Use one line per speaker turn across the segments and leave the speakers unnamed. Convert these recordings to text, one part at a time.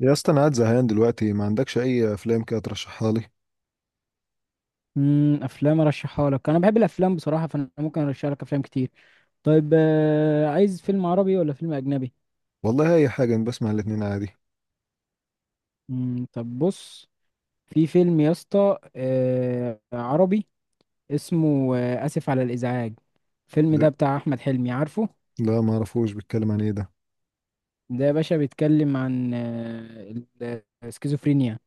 يا اسطى، انا قاعد زهقان دلوقتي، ما عندكش اي افلام كده ترشحها لي؟
افلام ارشحها لك. انا بحب الافلام بصراحه، فانا ممكن ارشح لك افلام كتير. طيب عايز فيلم عربي ولا فيلم اجنبي؟
والله اي حاجه، انا بسمع الاتنين عادي.
طب بص. في فيلم يا اسطى، عربي. اسمه اسف على الازعاج. الفيلم ده
ده،
بتاع احمد حلمي، عارفه؟
لا ما اعرفوش، بيتكلم عن ايه ده؟
ده يا باشا بيتكلم عن السكيزوفرينيا.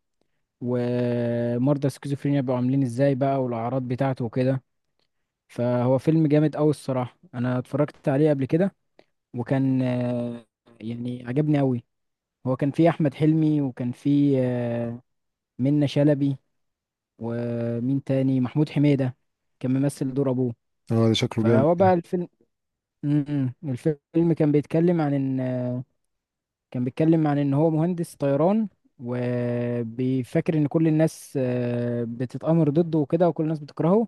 ومرضى السكيزوفرينيا بيبقوا عاملين ازاي بقى، والاعراض بتاعته وكده. فهو فيلم جامد قوي الصراحه، انا اتفرجت عليه قبل كده. وكان يعني عجبني قوي. هو كان فيه احمد حلمي، وكان فيه منة شلبي. ومين تاني؟ محمود حميدة، كان ممثل دور ابوه.
اه، ده شكله جامد
فهو
ده.
بقى الفيلم. م- م. الفيلم كان بيتكلم عن ان كان بيتكلم عن ان هو مهندس طيران، وبيفكر ان كل الناس بتتآمر ضده وكده، وكل الناس بتكرهه.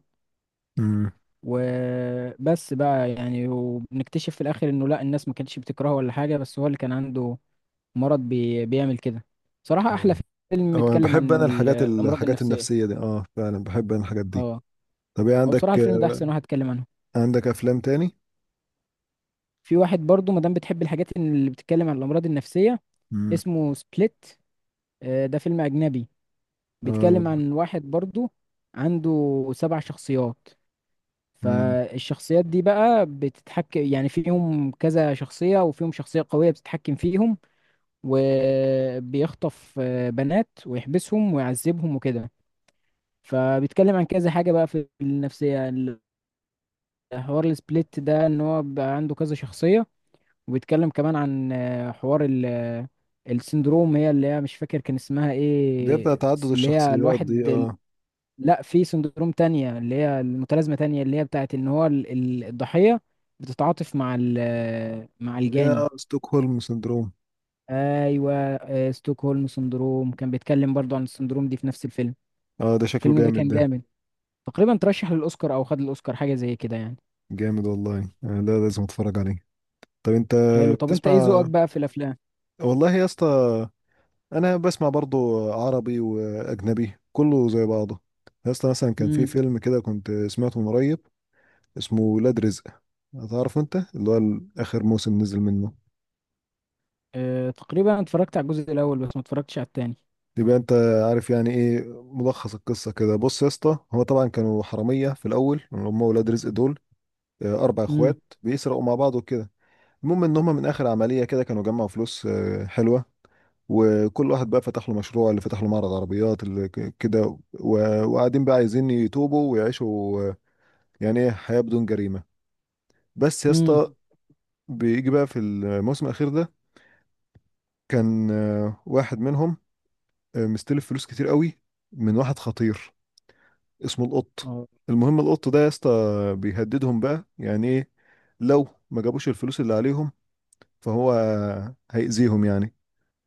امم.
وبس بقى يعني، وبنكتشف في الاخر انه لا، الناس ما كانتش بتكرهه ولا حاجة، بس هو اللي كان عنده مرض بيعمل كده. بصراحة أحلى فيلم
اه، انا
اتكلم
بحب
عن
الحاجات
الأمراض
الحاجات
النفسية.
النفسيه دي، اه فعلا بحب انا الحاجات دي.
اه،
طب ايه
هو
عندك
بصراحة الفيلم ده أحسن واحد اتكلم عنه.
عندك افلام تاني؟
في واحد برضو مادام بتحب الحاجات اللي بتتكلم عن الأمراض النفسية،
امم.
اسمه سبليت. ده فيلم أجنبي،
اه.
بيتكلم عن واحد برضو عنده سبع شخصيات.
امم.
فالشخصيات دي بقى بتتحكم يعني فيهم كذا شخصية، وفيهم شخصية قوية بتتحكم فيهم. وبيخطف بنات ويحبسهم ويعذبهم وكده. فبيتكلم عن كذا حاجة بقى في النفسية. الحوار، السبليت ده ان هو بقى عنده كذا شخصية. وبيتكلم كمان عن حوار ال آه، السندروم. هي اللي هي مش فاكر كان اسمها
دي بتاع
ايه،
تعدد
اللي هي
الشخصيات دي،
الواحد
اه.
لا، في سندروم تانية اللي هي المتلازمة، تانية اللي هي بتاعت ان هو الضحية بتتعاطف مع مع الجاني.
يا ستوكهولم سندروم.
ايوه، ستوكهولم سندروم، كان بيتكلم برضو عن السندروم دي في نفس الفيلم.
اه، ده شكله
الفيلم ده
جامد
كان
ده.
جامد، تقريبا ترشح للاوسكار او خد الاوسكار، حاجة زي كده يعني.
جامد والله، لا لازم اتفرج عليه. طب انت
حلو، طب انت ايه ذوقك
بتسمع؟
بقى في الافلام؟
والله يا اسطى، انا بسمع برضو عربي واجنبي كله زي بعضه. اصلا مثلا كان في
امم.
فيلم كده كنت سمعته من قريب، اسمه ولاد رزق. هتعرف انت اللي هو اخر موسم نزل منه؟
اه، تقريبا اتفرجت على الجزء الاول بس ما اتفرجتش على التاني.
يبقى انت عارف يعني ايه ملخص القصه كده. بص يا اسطى، هو طبعا كانوا حراميه في الاول، اللي هم ولاد رزق دول. اربع
امم،
اخوات بيسرقوا مع بعض وكده. المهم ان هم من اخر عمليه كده كانوا جمعوا فلوس حلوه. وكل واحد بقى فتح له مشروع، اللي فتح له معرض عربيات اللي كده وقاعدين بقى عايزين يتوبوا ويعيشوا، يعني ايه، حياة بدون جريمة. بس يا
امم،
اسطى، بيجي بقى في الموسم الأخير ده، كان واحد منهم مستلف فلوس كتير قوي من واحد خطير اسمه القط.
اه،
المهم القط ده يا اسطى بيهددهم بقى، يعني ايه، لو ما جابوش الفلوس اللي عليهم فهو هيأذيهم يعني.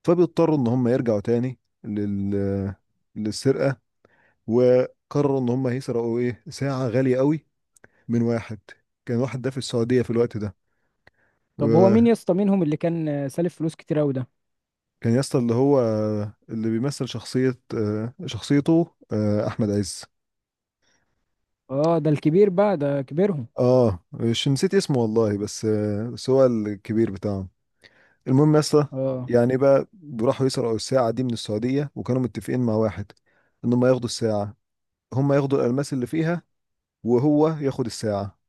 فبيضطروا ان هم يرجعوا تاني للسرقة. وقرروا ان هم هيسرقوا ايه، ساعة غالية قوي من واحد، كان واحد ده في السعودية في الوقت ده.
طب هو مين
وكان
يا اسطى منهم اللي كان سالف فلوس كتير قوي ده؟
يا اسطى اللي هو اللي بيمثل شخصية شخصيته احمد عز.
اه، ده الكبير بقى، ده كبيرهم.
اه، مش نسيت اسمه والله، بس هو الكبير بتاعهم. المهم يا اسطى،
اه،
يعني بقى راحوا يسرقوا الساعة دي من السعودية، وكانوا متفقين مع واحد ان هم ياخدوا الساعة، هم ياخدوا الألماس اللي فيها وهو ياخد الساعة.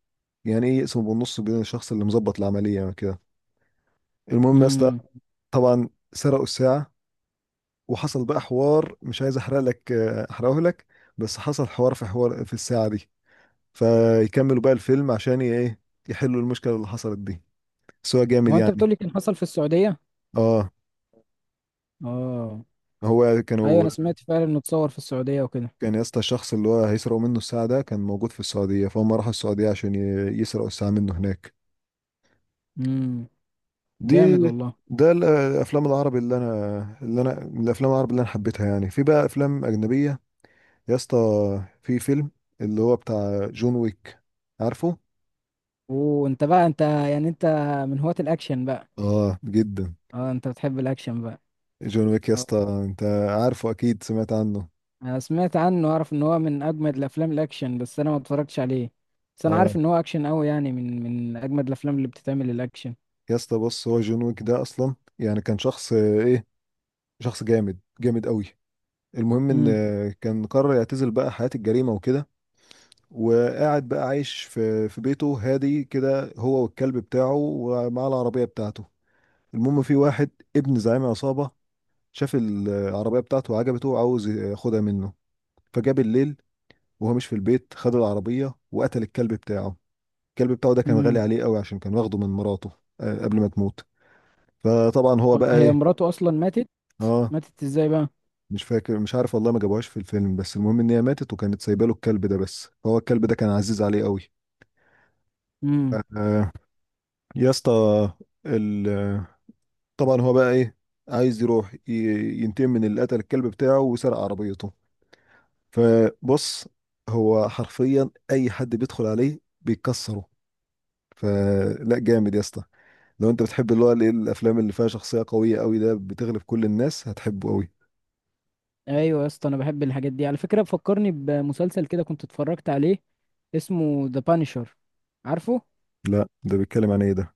يعني ايه، يقسموا بالنص بين الشخص اللي مظبط العملية، يعني كده. المهم يا اسطى،
امم.
طبعا سرقوا الساعة، وحصل بقى حوار، مش عايز احرق لك، احرقه لك. بس حصل حوار، في حوار في الساعة دي. فيكملوا بقى الفيلم عشان ايه، يحلوا المشكلة اللي حصلت دي. بس هو جامد
هو انت
يعني.
بتقولي كان حصل في السعودية؟
اه،
اه.
هو
ايوه،
كانوا
انا سمعت فعلا انه اتصور في السعودية وكده.
كان يا اسطى الشخص اللي هو هيسرقوا منه الساعة ده كان موجود في السعودية، فهم راحوا السعودية عشان يسرقوا الساعة منه هناك.
امم.
دي.
جامد والله.
ده الافلام العربي اللي انا من الافلام العربي اللي انا حبيتها يعني. في بقى افلام اجنبية يا اسطى، في فيلم اللي هو بتاع جون ويك، عارفه؟
وانت بقى، انت يعني، انت من هواة الاكشن بقى؟
اه جدا.
اه، انت بتحب الاكشن بقى؟
جون ويك يا
آه.
اسطى، انت عارفه اكيد، سمعت عنه.
انا سمعت عنه، اعرف ان هو من اجمد الافلام الاكشن بس انا ما اتفرجتش عليه. بس انا
اه،
عارف ان هو اكشن قوي يعني، من اجمد الافلام اللي بتتعمل الاكشن.
يا اسطى بص، هو جون ويك ده اصلا يعني كان شخص آه، ايه شخص جامد جامد قوي. المهم ان
امم.
كان قرر يعتزل بقى حياة الجريمة وكده، وقاعد بقى عايش في بيته هادي كده، هو والكلب بتاعه ومعاه العربية بتاعته. المهم في واحد ابن زعيم عصابة شاف العربية بتاعته وعجبته وعاوز ياخدها منه، فجاب الليل وهو مش في البيت، خد العربية وقتل الكلب بتاعه. الكلب بتاعه ده كان غالي
امم.
عليه قوي عشان كان واخده من مراته قبل ما تموت. فطبعا هو بقى
هي
ايه.
مراته اصلا ماتت؟
اه،
ماتت ازاي بقى؟
مش فاكر، مش عارف والله، ما جابوهاش في الفيلم، بس المهم ان هي ماتت وكانت سايبه له الكلب ده بس، فهو الكلب ده كان عزيز عليه قوي.
امم.
آه، يا اسطى، ال- طبعا هو بقى ايه، عايز يروح ينتقم من اللي قتل الكلب بتاعه وسرق عربيته. فبص، هو حرفيا اي حد بيدخل عليه بيكسره. فلا جامد يا اسطى، لو انت بتحب اللي هو الايه الافلام اللي فيها شخصيه قويه قوي ده بتغلب كل الناس هتحبه قوي.
ايوه يا اسطى، انا بحب الحاجات دي على فكره، بفكرني بمسلسل كده كنت اتفرجت عليه، اسمه ذا بانشر، عارفه؟
لا ده بيتكلم عن ايه ده؟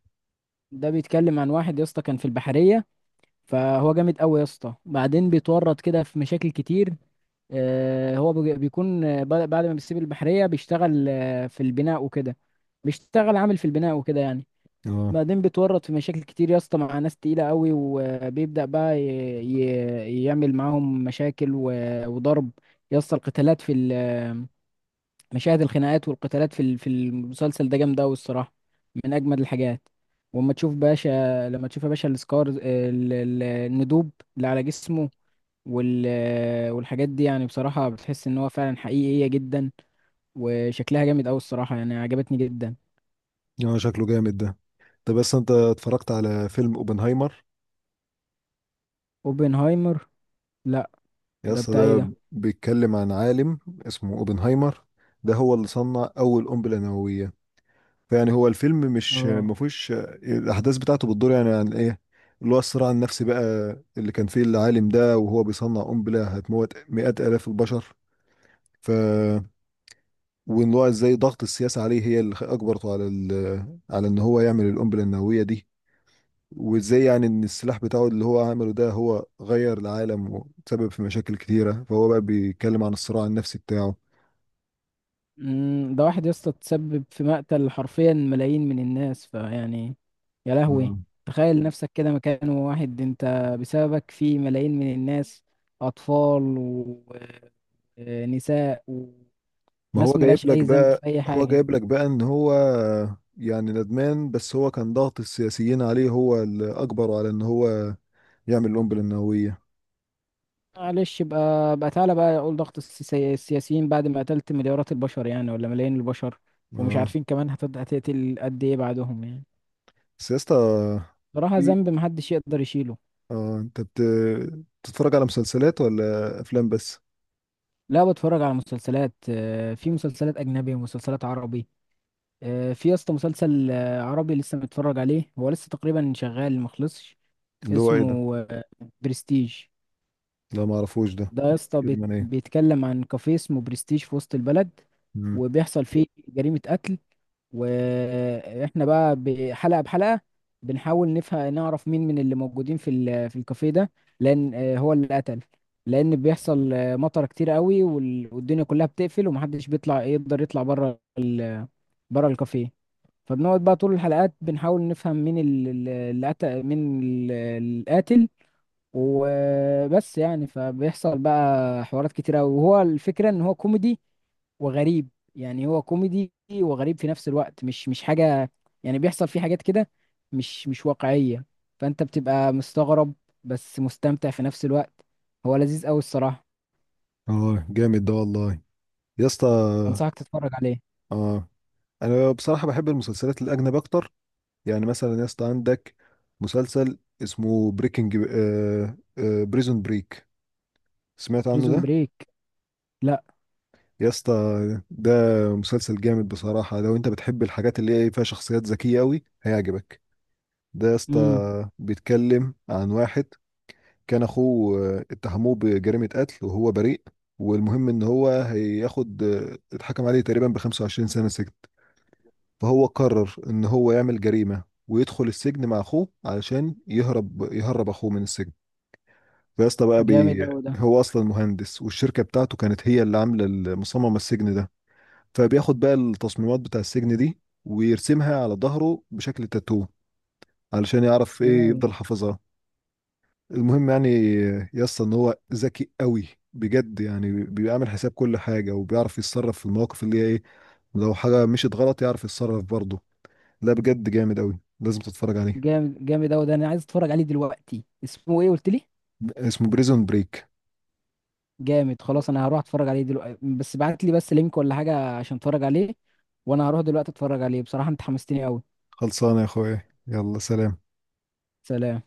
ده بيتكلم عن واحد يا اسطى كان في البحريه. فهو جامد قوي يا اسطى، بعدين بيتورط كده في مشاكل كتير. هو بيكون بعد ما بيسيب البحرية بيشتغل في البناء وكده. بيشتغل عامل في البناء وكده يعني.
اه،
بعدين بيتورط في مشاكل كتير يا اسطى مع ناس تقيلة قوي، وبيبدأ بقى يعمل معاهم مشاكل وضرب. يا اسطى القتالات في مشاهد الخناقات والقتالات في في المسلسل ده جامده قوي الصراحه، من اجمد الحاجات. واما تشوف باشا، لما تشوف يا باشا السكار، الندوب اللي على جسمه، وال والحاجات دي، يعني بصراحه بتحس ان هو فعلا حقيقيه جدا. وشكلها جامد قوي الصراحه، يعني عجبتني جدا.
اه، شكله جامد ده. طب بس انت اتفرجت على فيلم اوبنهايمر؟
اوبنهايمر؟ لا.
يا
ده
اسطى
بتاعي
ده
ده.
بيتكلم عن عالم اسمه اوبنهايمر، ده هو اللي صنع اول قنبله نوويه. فيعني هو الفيلم مش
اه.
ما فيهوش، الاحداث بتاعته بتدور يعني عن ايه، اللي هو الصراع النفسي بقى اللي كان فيه العالم ده وهو بيصنع قنبله هتموت مئات الاف البشر. ف وان هو ازاي ضغط السياسه عليه هي اللي اجبرته على على ان هو يعمل القنبله النوويه دي، وازاي يعني ان السلاح بتاعه اللي هو عمله ده هو غير العالم وسبب في مشاكل كتيره، فهو بقى بيتكلم عن الصراع النفسي بتاعه.
ده واحد يا اسطى تسبب في مقتل حرفيا ملايين من الناس، فيعني، يا لهوي!
آه.
تخيل نفسك كده مكان واحد. انت بسببك في ملايين من الناس، اطفال ونساء
ما هو
وناس
جايب
ملهاش
لك
اي ذنب
بقى،
في اي
هو
حاجة.
جايب لك بقى ان هو يعني ندمان، بس هو كان ضغط السياسيين عليه هو اللي اجبره على ان هو يعمل القنبله النوويه.
معلش بقى، تعالى بقى اقول ضغط السياسيين بعد ما قتلت مليارات البشر، يعني ولا ملايين البشر، ومش
اه،
عارفين كمان هتقتل قد ايه بعدهم يعني.
بس يا اسطى،
بصراحة
في-
ذنب محدش يقدر يشيله.
اه انت بتتفرج على مسلسلات ولا افلام بس؟
لا، بتفرج على مسلسلات. في مسلسلات أجنبي ومسلسلات عربي. في يا اسطى مسلسل عربي لسه متفرج عليه، هو لسه تقريبا شغال مخلصش.
اللي هو ايه ده؟
اسمه برستيج.
لا ما اعرفوش، ده
ده يا اسطى
بيتكلم عن ايه؟
بيتكلم عن كافيه اسمه برستيج في وسط البلد،
مم.
وبيحصل فيه جريمة قتل. واحنا بقى بحلقه بحلقه بنحاول نفهم، نعرف مين من اللي موجودين في في الكافيه ده لان هو اللي قتل. لان بيحصل مطر كتير قوي، والدنيا كلها بتقفل ومحدش بيطلع، يقدر يطلع بره بره الكافيه. فبنقعد بقى طول الحلقات بنحاول نفهم مين اللي قتل، مين القاتل. وبس يعني، فبيحصل بقى حوارات كتيرة أوي. وهو الفكرة ان هو كوميدي وغريب. يعني هو كوميدي وغريب في نفس الوقت، مش حاجة. يعني بيحصل فيه حاجات كده مش واقعية، فانت بتبقى مستغرب بس مستمتع في نفس الوقت. هو لذيذ قوي الصراحة،
اه جامد ده والله. يا اسطى،
انصحك تتفرج عليه.
اه انا بصراحه بحب المسلسلات الاجنب اكتر. يعني مثلا يا اسطى عندك مسلسل اسمه بريكنج آه آه بريزون بريك، سمعت عنه
بريزون
ده؟
بريك؟ لا.
يا اسطى، ده مسلسل جامد بصراحه، لو انت بتحب الحاجات اللي هي فيها شخصيات ذكيه قوي هيعجبك. ده يا
امم.
اسطى بيتكلم عن واحد كان اخوه اتهموه بجريمة قتل وهو بريء. والمهم ان هو هياخد آه، اتحكم عليه تقريبا ب 25 سنة سجن، فهو قرر ان هو يعمل جريمة ويدخل السجن مع اخوه علشان يهرب اخوه من السجن. فيا اسطى بقى
جامد
بي
قوي ده.
هو اصلا مهندس والشركة بتاعته كانت هي اللي عاملة مصممة السجن ده، فبياخد بقى التصميمات بتاع السجن دي ويرسمها على ظهره بشكل تاتو، علشان يعرف ايه،
مم.
يفضل حافظها. المهم يعني يا اسطى ان هو ذكي قوي، بجد، يعني بيعمل حساب كل حاجه وبيعرف يتصرف في المواقف اللي هي ايه، لو حاجه مشيت غلط يعرف يتصرف برضه. لا بجد جامد قوي، لازم تتفرج عليه.
جامد جامد قوي ده، انا عايز اتفرج عليه دلوقتي. اسمه ايه قلت لي؟
اسمه بريزون بريك.
جامد، خلاص انا هروح اتفرج عليه دلوقتي، بس ابعت لي بس لينك ولا حاجه عشان اتفرج عليه. وانا هروح دلوقتي اتفرج عليه، بصراحه انت حمستني قوي.
خلصانه يا اخويا، يلا سلام.
سلام.